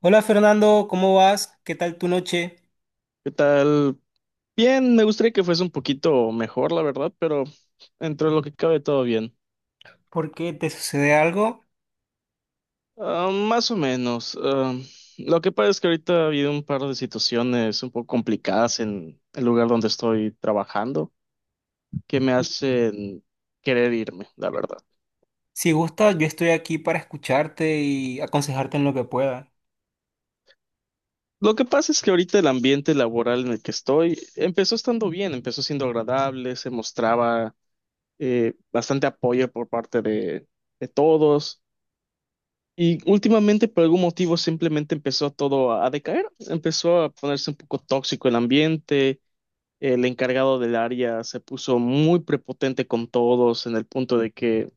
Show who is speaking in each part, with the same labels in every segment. Speaker 1: Hola Fernando, ¿cómo vas? ¿Qué tal tu noche?
Speaker 2: ¿Qué tal? Bien, me gustaría que fuese un poquito mejor, la verdad, pero entre lo que cabe todo bien.
Speaker 1: ¿Por qué te sucede algo?
Speaker 2: Ah, más o menos. Lo que pasa es que ahorita ha habido un par de situaciones un poco complicadas en el lugar donde estoy trabajando que me hacen querer irme, la verdad.
Speaker 1: Si gustas, yo estoy aquí para escucharte y aconsejarte en lo que pueda.
Speaker 2: Lo que pasa es que ahorita el ambiente laboral en el que estoy empezó estando bien, empezó siendo agradable, se mostraba bastante apoyo por parte de todos. Y últimamente, por algún motivo, simplemente empezó todo a decaer, empezó a ponerse un poco tóxico el ambiente, el encargado del área se puso muy prepotente con todos, en el punto de que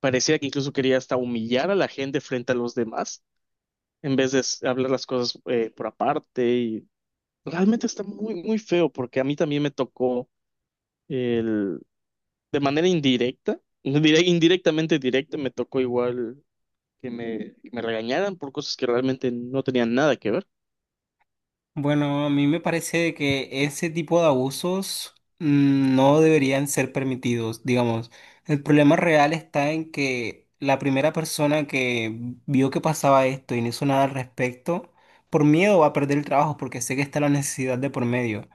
Speaker 2: parecía que incluso quería hasta humillar a la gente frente a los demás, en vez de hablar las cosas por aparte. Y realmente está muy, muy feo, porque a mí también me tocó el, de manera indirecta, indirectamente directa, me tocó igual que me regañaran por cosas que realmente no tenían nada que ver.
Speaker 1: Bueno, a mí me parece que ese tipo de abusos no deberían ser permitidos, digamos. El problema real está en que la primera persona que vio que pasaba esto y no hizo nada al respecto, por miedo va a perder el trabajo porque sé que está la necesidad de por medio.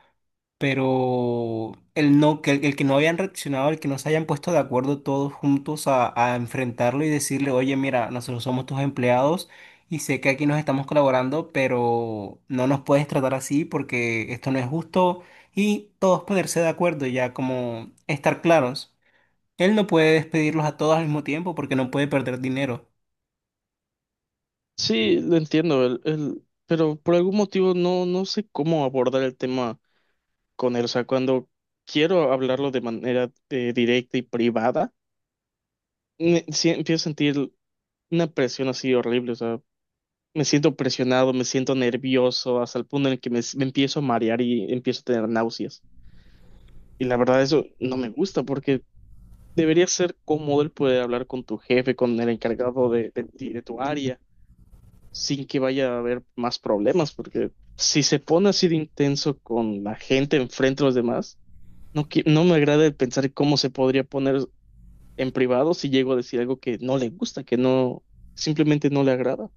Speaker 1: Pero el no, que el que no habían reaccionado, el que no se hayan puesto de acuerdo todos juntos a enfrentarlo y decirle, oye, mira, nosotros somos tus empleados y sé que aquí nos estamos colaborando, pero no nos puedes tratar así porque esto no es justo y todos ponerse de acuerdo ya como estar claros. Él no puede despedirlos a todos al mismo tiempo porque no puede perder dinero.
Speaker 2: Sí, lo entiendo, pero por algún motivo no, no sé cómo abordar el tema con él. O sea, cuando quiero hablarlo de manera directa y privada, me, sí, empiezo a sentir una presión así horrible. O sea, me siento presionado, me siento nervioso, hasta el punto en el que me empiezo a marear y empiezo a tener náuseas. Y la verdad, eso no me gusta porque debería ser cómodo el poder hablar con tu jefe, con el encargado de ti, de tu área sin que vaya a haber más problemas, porque si se pone así de intenso con la gente enfrente de los demás, no, no me agrada el pensar cómo se podría poner en privado si llego a decir algo que no le gusta, que no, simplemente no le agrada.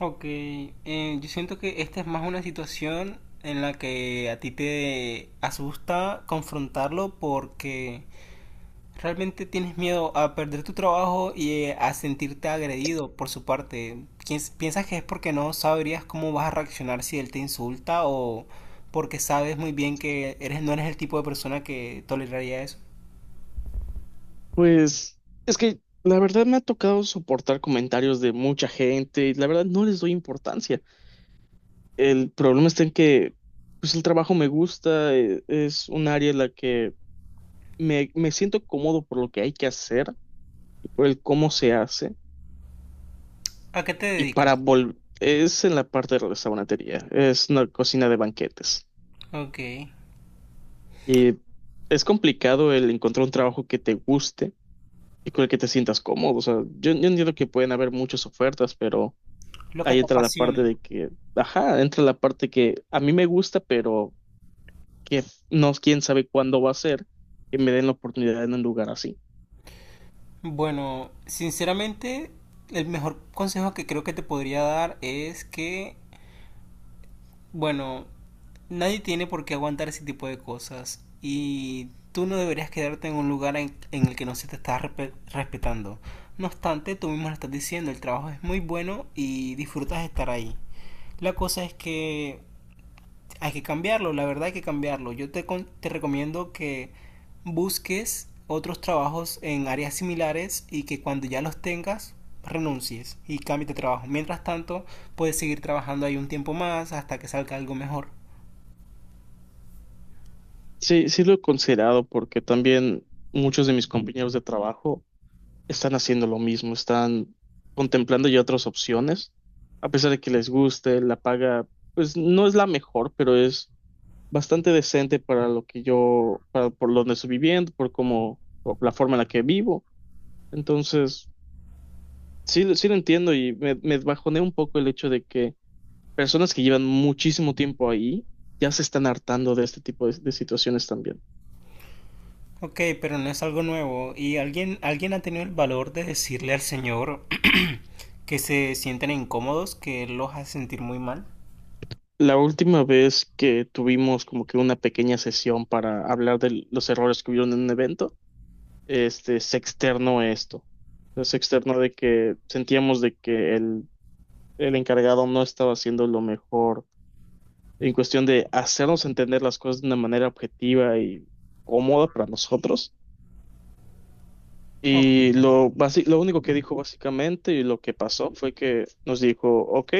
Speaker 1: Ok, yo siento que esta es más una situación en la que a ti te asusta confrontarlo porque realmente tienes miedo a perder tu trabajo y a sentirte agredido por su parte. ¿Piensas que es porque no sabrías cómo vas a reaccionar si él te insulta o porque sabes muy bien que eres, no eres el tipo de persona que toleraría eso?
Speaker 2: Pues es que la verdad me ha tocado soportar comentarios de mucha gente y la verdad no les doy importancia. El problema está en que pues el trabajo me gusta, es un área en la que me siento cómodo por lo que hay que hacer y por el cómo se hace.
Speaker 1: ¿A qué te
Speaker 2: Y para
Speaker 1: dedicas?
Speaker 2: volver, es en la parte de restaurantería, es una cocina de banquetes.
Speaker 1: Ok,
Speaker 2: Y es complicado el encontrar un trabajo que te guste y con el que te sientas cómodo. O sea, yo entiendo que pueden haber muchas ofertas, pero
Speaker 1: lo que
Speaker 2: ahí
Speaker 1: te
Speaker 2: entra la
Speaker 1: apasiona.
Speaker 2: parte de que, ajá, entra la parte que a mí me gusta, pero que no, quién sabe cuándo va a ser que me den la oportunidad en un lugar así.
Speaker 1: Bueno, sinceramente, el mejor consejo que creo que te podría dar es que, bueno, nadie tiene por qué aguantar ese tipo de cosas y tú no deberías quedarte en un lugar en el que no se te está respetando. No obstante, tú mismo lo estás diciendo, el trabajo es muy bueno y disfrutas estar ahí. La cosa es que hay que cambiarlo, la verdad hay que cambiarlo. Yo te recomiendo que busques otros trabajos en áreas similares y que cuando ya los tengas renuncies y cambies de trabajo. Mientras tanto, puedes seguir trabajando ahí un tiempo más hasta que salga algo mejor.
Speaker 2: Sí, sí lo he considerado porque también muchos de mis compañeros de trabajo están haciendo lo mismo, están contemplando ya otras opciones, a pesar de que les guste, la paga, pues no es la mejor, pero es bastante decente para lo que yo, para por donde estoy viviendo, por cómo, por la forma en la que vivo. Entonces, sí, sí lo entiendo y me bajoneé un poco el hecho de que personas que llevan muchísimo tiempo ahí ya se están hartando de este tipo de situaciones también.
Speaker 1: Ok, pero no es algo nuevo. ¿Y alguien ha tenido el valor de decirle al señor que se sienten incómodos, que él los hace sentir muy mal?
Speaker 2: La última vez que tuvimos como que una pequeña sesión para hablar de los errores que hubieron en un evento, este, se externó esto. Se externó de que sentíamos de que el encargado no estaba haciendo lo mejor en cuestión de hacernos entender las cosas de una manera objetiva y cómoda para nosotros. Y
Speaker 1: Ok.
Speaker 2: lo, lo único que dijo básicamente y lo que pasó fue que nos dijo, ok,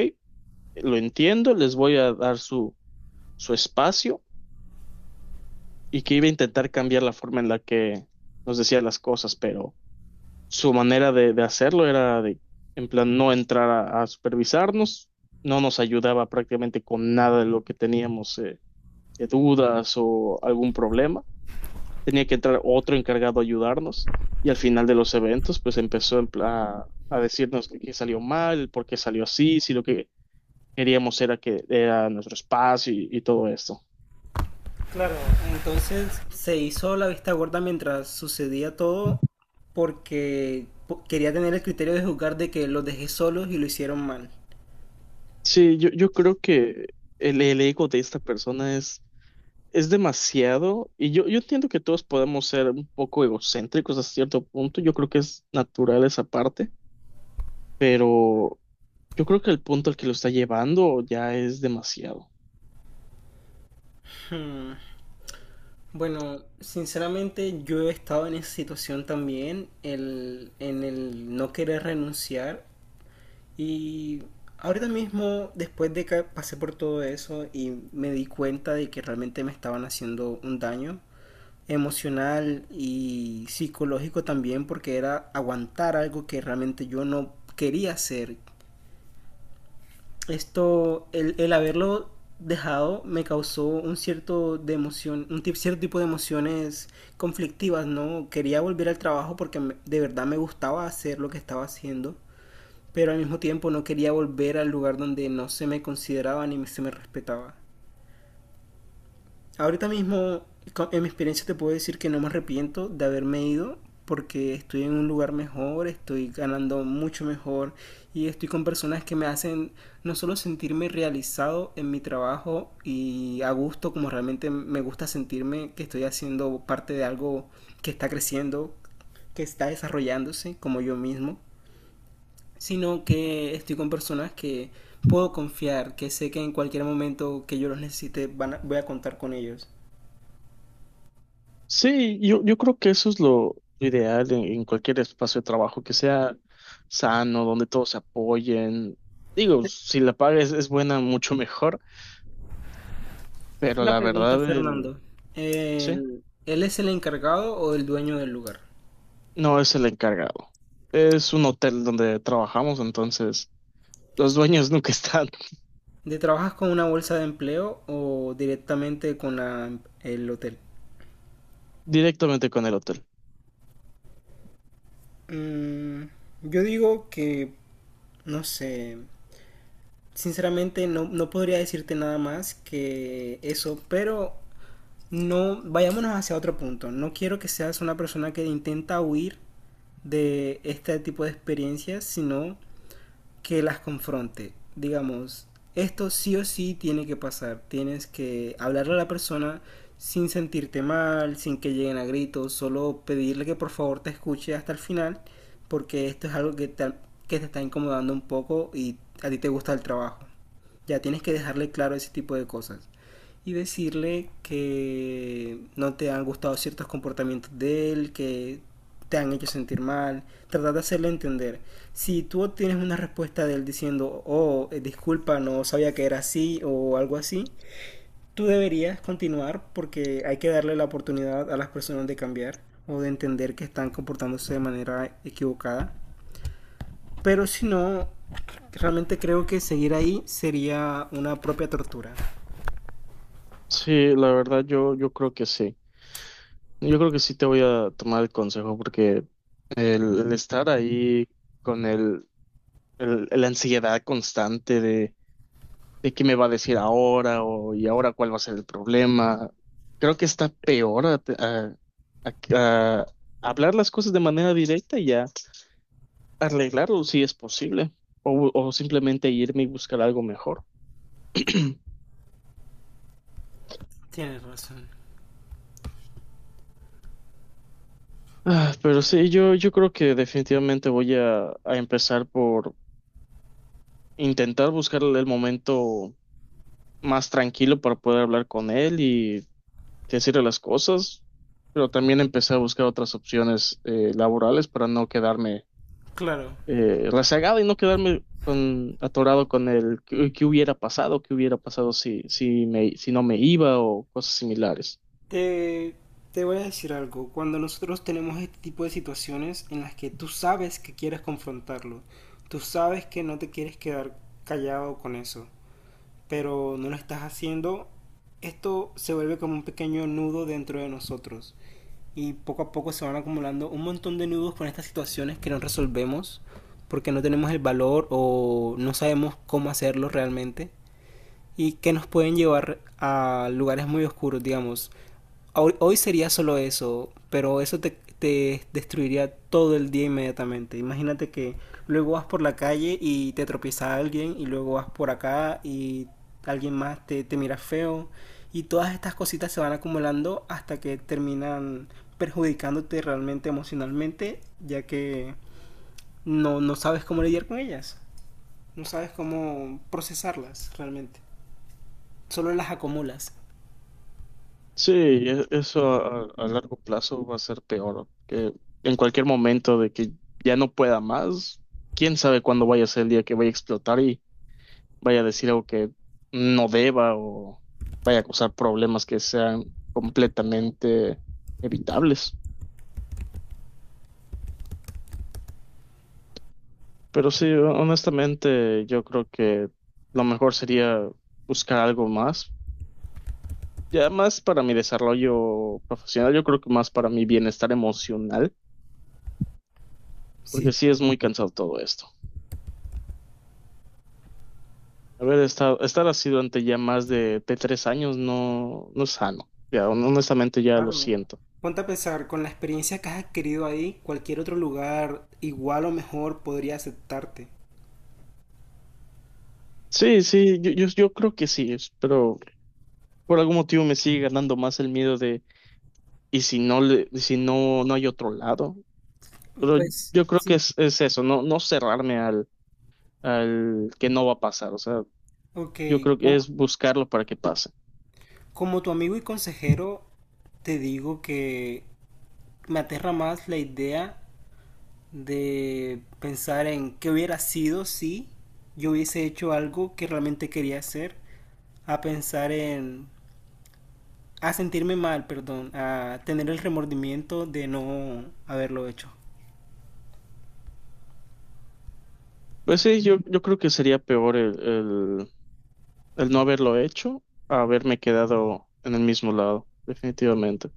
Speaker 2: lo entiendo, les voy a dar su espacio y que iba a intentar cambiar la forma en la que nos decía las cosas, pero su manera de hacerlo era de, en plan, no entrar a supervisarnos, no nos ayudaba prácticamente con nada de lo que teníamos de dudas o algún problema. Tenía que entrar otro encargado a ayudarnos y al final de los eventos, pues empezó en decirnos que, qué salió mal, por qué salió así, si lo que queríamos era que era nuestro espacio y todo esto.
Speaker 1: Claro. Entonces se hizo la vista gorda mientras sucedía todo porque quería tener el criterio de juzgar de que los dejé solos y lo hicieron mal.
Speaker 2: Sí, yo creo que el ego de esta persona es demasiado y yo entiendo que todos podemos ser un poco egocéntricos a cierto punto, yo creo que es natural esa parte, pero yo creo que el punto al que lo está llevando ya es demasiado.
Speaker 1: Hmm. Bueno, sinceramente yo he estado en esa situación también, en el no querer renunciar y ahorita mismo, después de que pasé por todo eso y me di cuenta de que realmente me estaban haciendo un daño, emocional y psicológico también porque era aguantar algo que realmente yo no quería hacer. Esto, el haberlo dejado me causó un cierto de emoción, un cierto tipo de emociones conflictivas, ¿no? Quería volver al trabajo porque de verdad me gustaba hacer lo que estaba haciendo, pero al mismo tiempo no quería volver al lugar donde no se me consideraba ni se me respetaba. Ahorita mismo, en mi experiencia te puedo decir que no me arrepiento de haberme ido porque estoy en un lugar mejor, estoy ganando mucho mejor y estoy con personas que me hacen no solo sentirme realizado en mi trabajo y a gusto como realmente me gusta sentirme que estoy haciendo parte de algo que está creciendo, que está desarrollándose como yo mismo, sino que estoy con personas que puedo confiar, que sé que en cualquier momento que yo los necesite voy a contar con ellos.
Speaker 2: Sí, yo creo que eso es lo ideal en cualquier espacio de trabajo, que sea sano, donde todos se apoyen. Digo, si la paga es buena, mucho mejor, pero
Speaker 1: Una
Speaker 2: la
Speaker 1: pregunta,
Speaker 2: verdad, el,
Speaker 1: Fernando.
Speaker 2: sí,
Speaker 1: ¿Él es el encargado o el dueño del lugar?
Speaker 2: no es el encargado. Es un hotel donde trabajamos, entonces los dueños nunca están
Speaker 1: ¿De trabajas con una bolsa de empleo o directamente con el hotel?
Speaker 2: directamente con el hotel.
Speaker 1: Mm, yo digo que, no sé, sinceramente no, no podría decirte nada más que eso, pero no, vayámonos hacia otro punto. No quiero que seas una persona que intenta huir de este tipo de experiencias, sino que las confronte. Digamos, esto sí o sí tiene que pasar. Tienes que hablarle a la persona sin sentirte mal, sin que lleguen a gritos, solo pedirle que por favor te escuche hasta el final, porque esto es algo que te está incomodando un poco y a ti te gusta el trabajo. Ya tienes que dejarle claro ese tipo de cosas y decirle que no te han gustado ciertos comportamientos de él, que te han hecho sentir mal, tratar de hacerle entender. Si tú obtienes una respuesta de él diciendo, oh, disculpa, no sabía que era así o algo así, tú deberías continuar porque hay que darle la oportunidad a las personas de cambiar o de entender que están comportándose de manera equivocada. Pero si no, realmente creo que seguir ahí sería una propia tortura.
Speaker 2: Sí, la verdad yo creo que sí. Yo creo que sí te voy a tomar el consejo porque el estar ahí con el, la ansiedad constante de qué me va a decir ahora o y ahora cuál va a ser el problema. Creo que está peor a hablar las cosas de manera directa y a arreglarlo si es posible o simplemente irme y buscar algo mejor.
Speaker 1: Tienes razón.
Speaker 2: Ah, pero sí, yo creo que definitivamente voy a empezar por intentar buscar el momento más tranquilo para poder hablar con él y decirle las cosas, pero también empecé a buscar otras opciones laborales para no quedarme
Speaker 1: Claro.
Speaker 2: rezagada y no quedarme atorado con el qué, qué hubiera pasado si, si, me, si no me iba o cosas similares.
Speaker 1: Te, te voy a decir algo. Cuando nosotros tenemos este tipo de situaciones en las que tú sabes que quieres confrontarlo, tú sabes que no te quieres quedar callado con eso, pero no lo estás haciendo, esto se vuelve como un pequeño nudo dentro de nosotros. Y poco a poco se van acumulando un montón de nudos con estas situaciones que no resolvemos porque no tenemos el valor o no sabemos cómo hacerlo realmente y que nos pueden llevar a lugares muy oscuros, digamos. Hoy sería solo eso, pero eso te destruiría todo el día inmediatamente. Imagínate que luego vas por la calle y te tropieza alguien y luego vas por acá y alguien más te mira feo y todas estas cositas se van acumulando hasta que terminan perjudicándote realmente emocionalmente ya que no, no sabes cómo lidiar con ellas, no sabes cómo procesarlas realmente, solo las acumulas.
Speaker 2: Sí, eso a largo plazo va a ser peor, ¿no? Que en cualquier momento de que ya no pueda más, quién sabe cuándo vaya a ser el día que vaya a explotar y vaya a decir algo que no deba o vaya a causar problemas que sean completamente evitables. Pero sí, honestamente, yo creo que lo mejor sería buscar algo más. Ya más para mi desarrollo profesional, yo creo que más para mi bienestar emocional,
Speaker 1: Sí,
Speaker 2: porque sí
Speaker 1: claro.
Speaker 2: es muy cansado todo esto. Haber estado, estar así durante ya más de 3 años no, no es sano. Ya, honestamente ya lo
Speaker 1: Claro.
Speaker 2: siento.
Speaker 1: Ponte a pensar, con la experiencia que has adquirido ahí, cualquier otro lugar, igual o mejor, podría aceptarte.
Speaker 2: Sí, sí, yo creo que sí, es- pero por algún motivo me sigue ganando más el miedo de, ¿y si no le, si no, no hay otro lado?
Speaker 1: Pues
Speaker 2: Yo creo que
Speaker 1: sí.
Speaker 2: es eso, no, no cerrarme al que no va a pasar. O sea,
Speaker 1: Ok,
Speaker 2: yo creo que
Speaker 1: como,
Speaker 2: es buscarlo para que pase.
Speaker 1: como tu amigo y consejero, te digo que me aterra más la idea de pensar en qué hubiera sido si yo hubiese hecho algo que realmente quería hacer, a pensar en, a sentirme mal, perdón, a tener el remordimiento de no haberlo hecho.
Speaker 2: Pues sí, yo creo que sería peor el no haberlo hecho a haberme quedado en el mismo lado, definitivamente.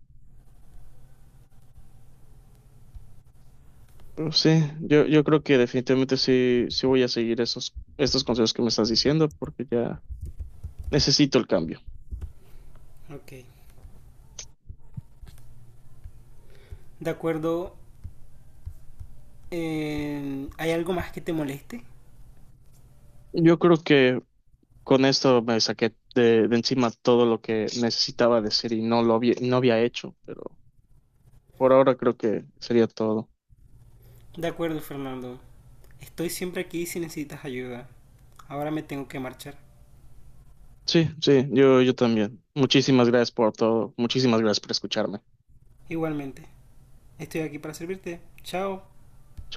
Speaker 2: Pero sí, yo creo que definitivamente sí, sí voy a seguir estos consejos que me estás diciendo porque ya necesito el cambio.
Speaker 1: Ok. De acuerdo. ¿Hay algo más que te moleste?
Speaker 2: Yo creo que con esto me saqué de encima todo lo que necesitaba decir y no lo había, no había hecho, pero por ahora creo que sería todo.
Speaker 1: De acuerdo, Fernando. Estoy siempre aquí si necesitas ayuda. Ahora me tengo que marchar.
Speaker 2: Sí, sí, yo también. Muchísimas gracias por todo. Muchísimas gracias por escucharme.
Speaker 1: Igualmente. Estoy aquí para servirte. Chao.
Speaker 2: Chao.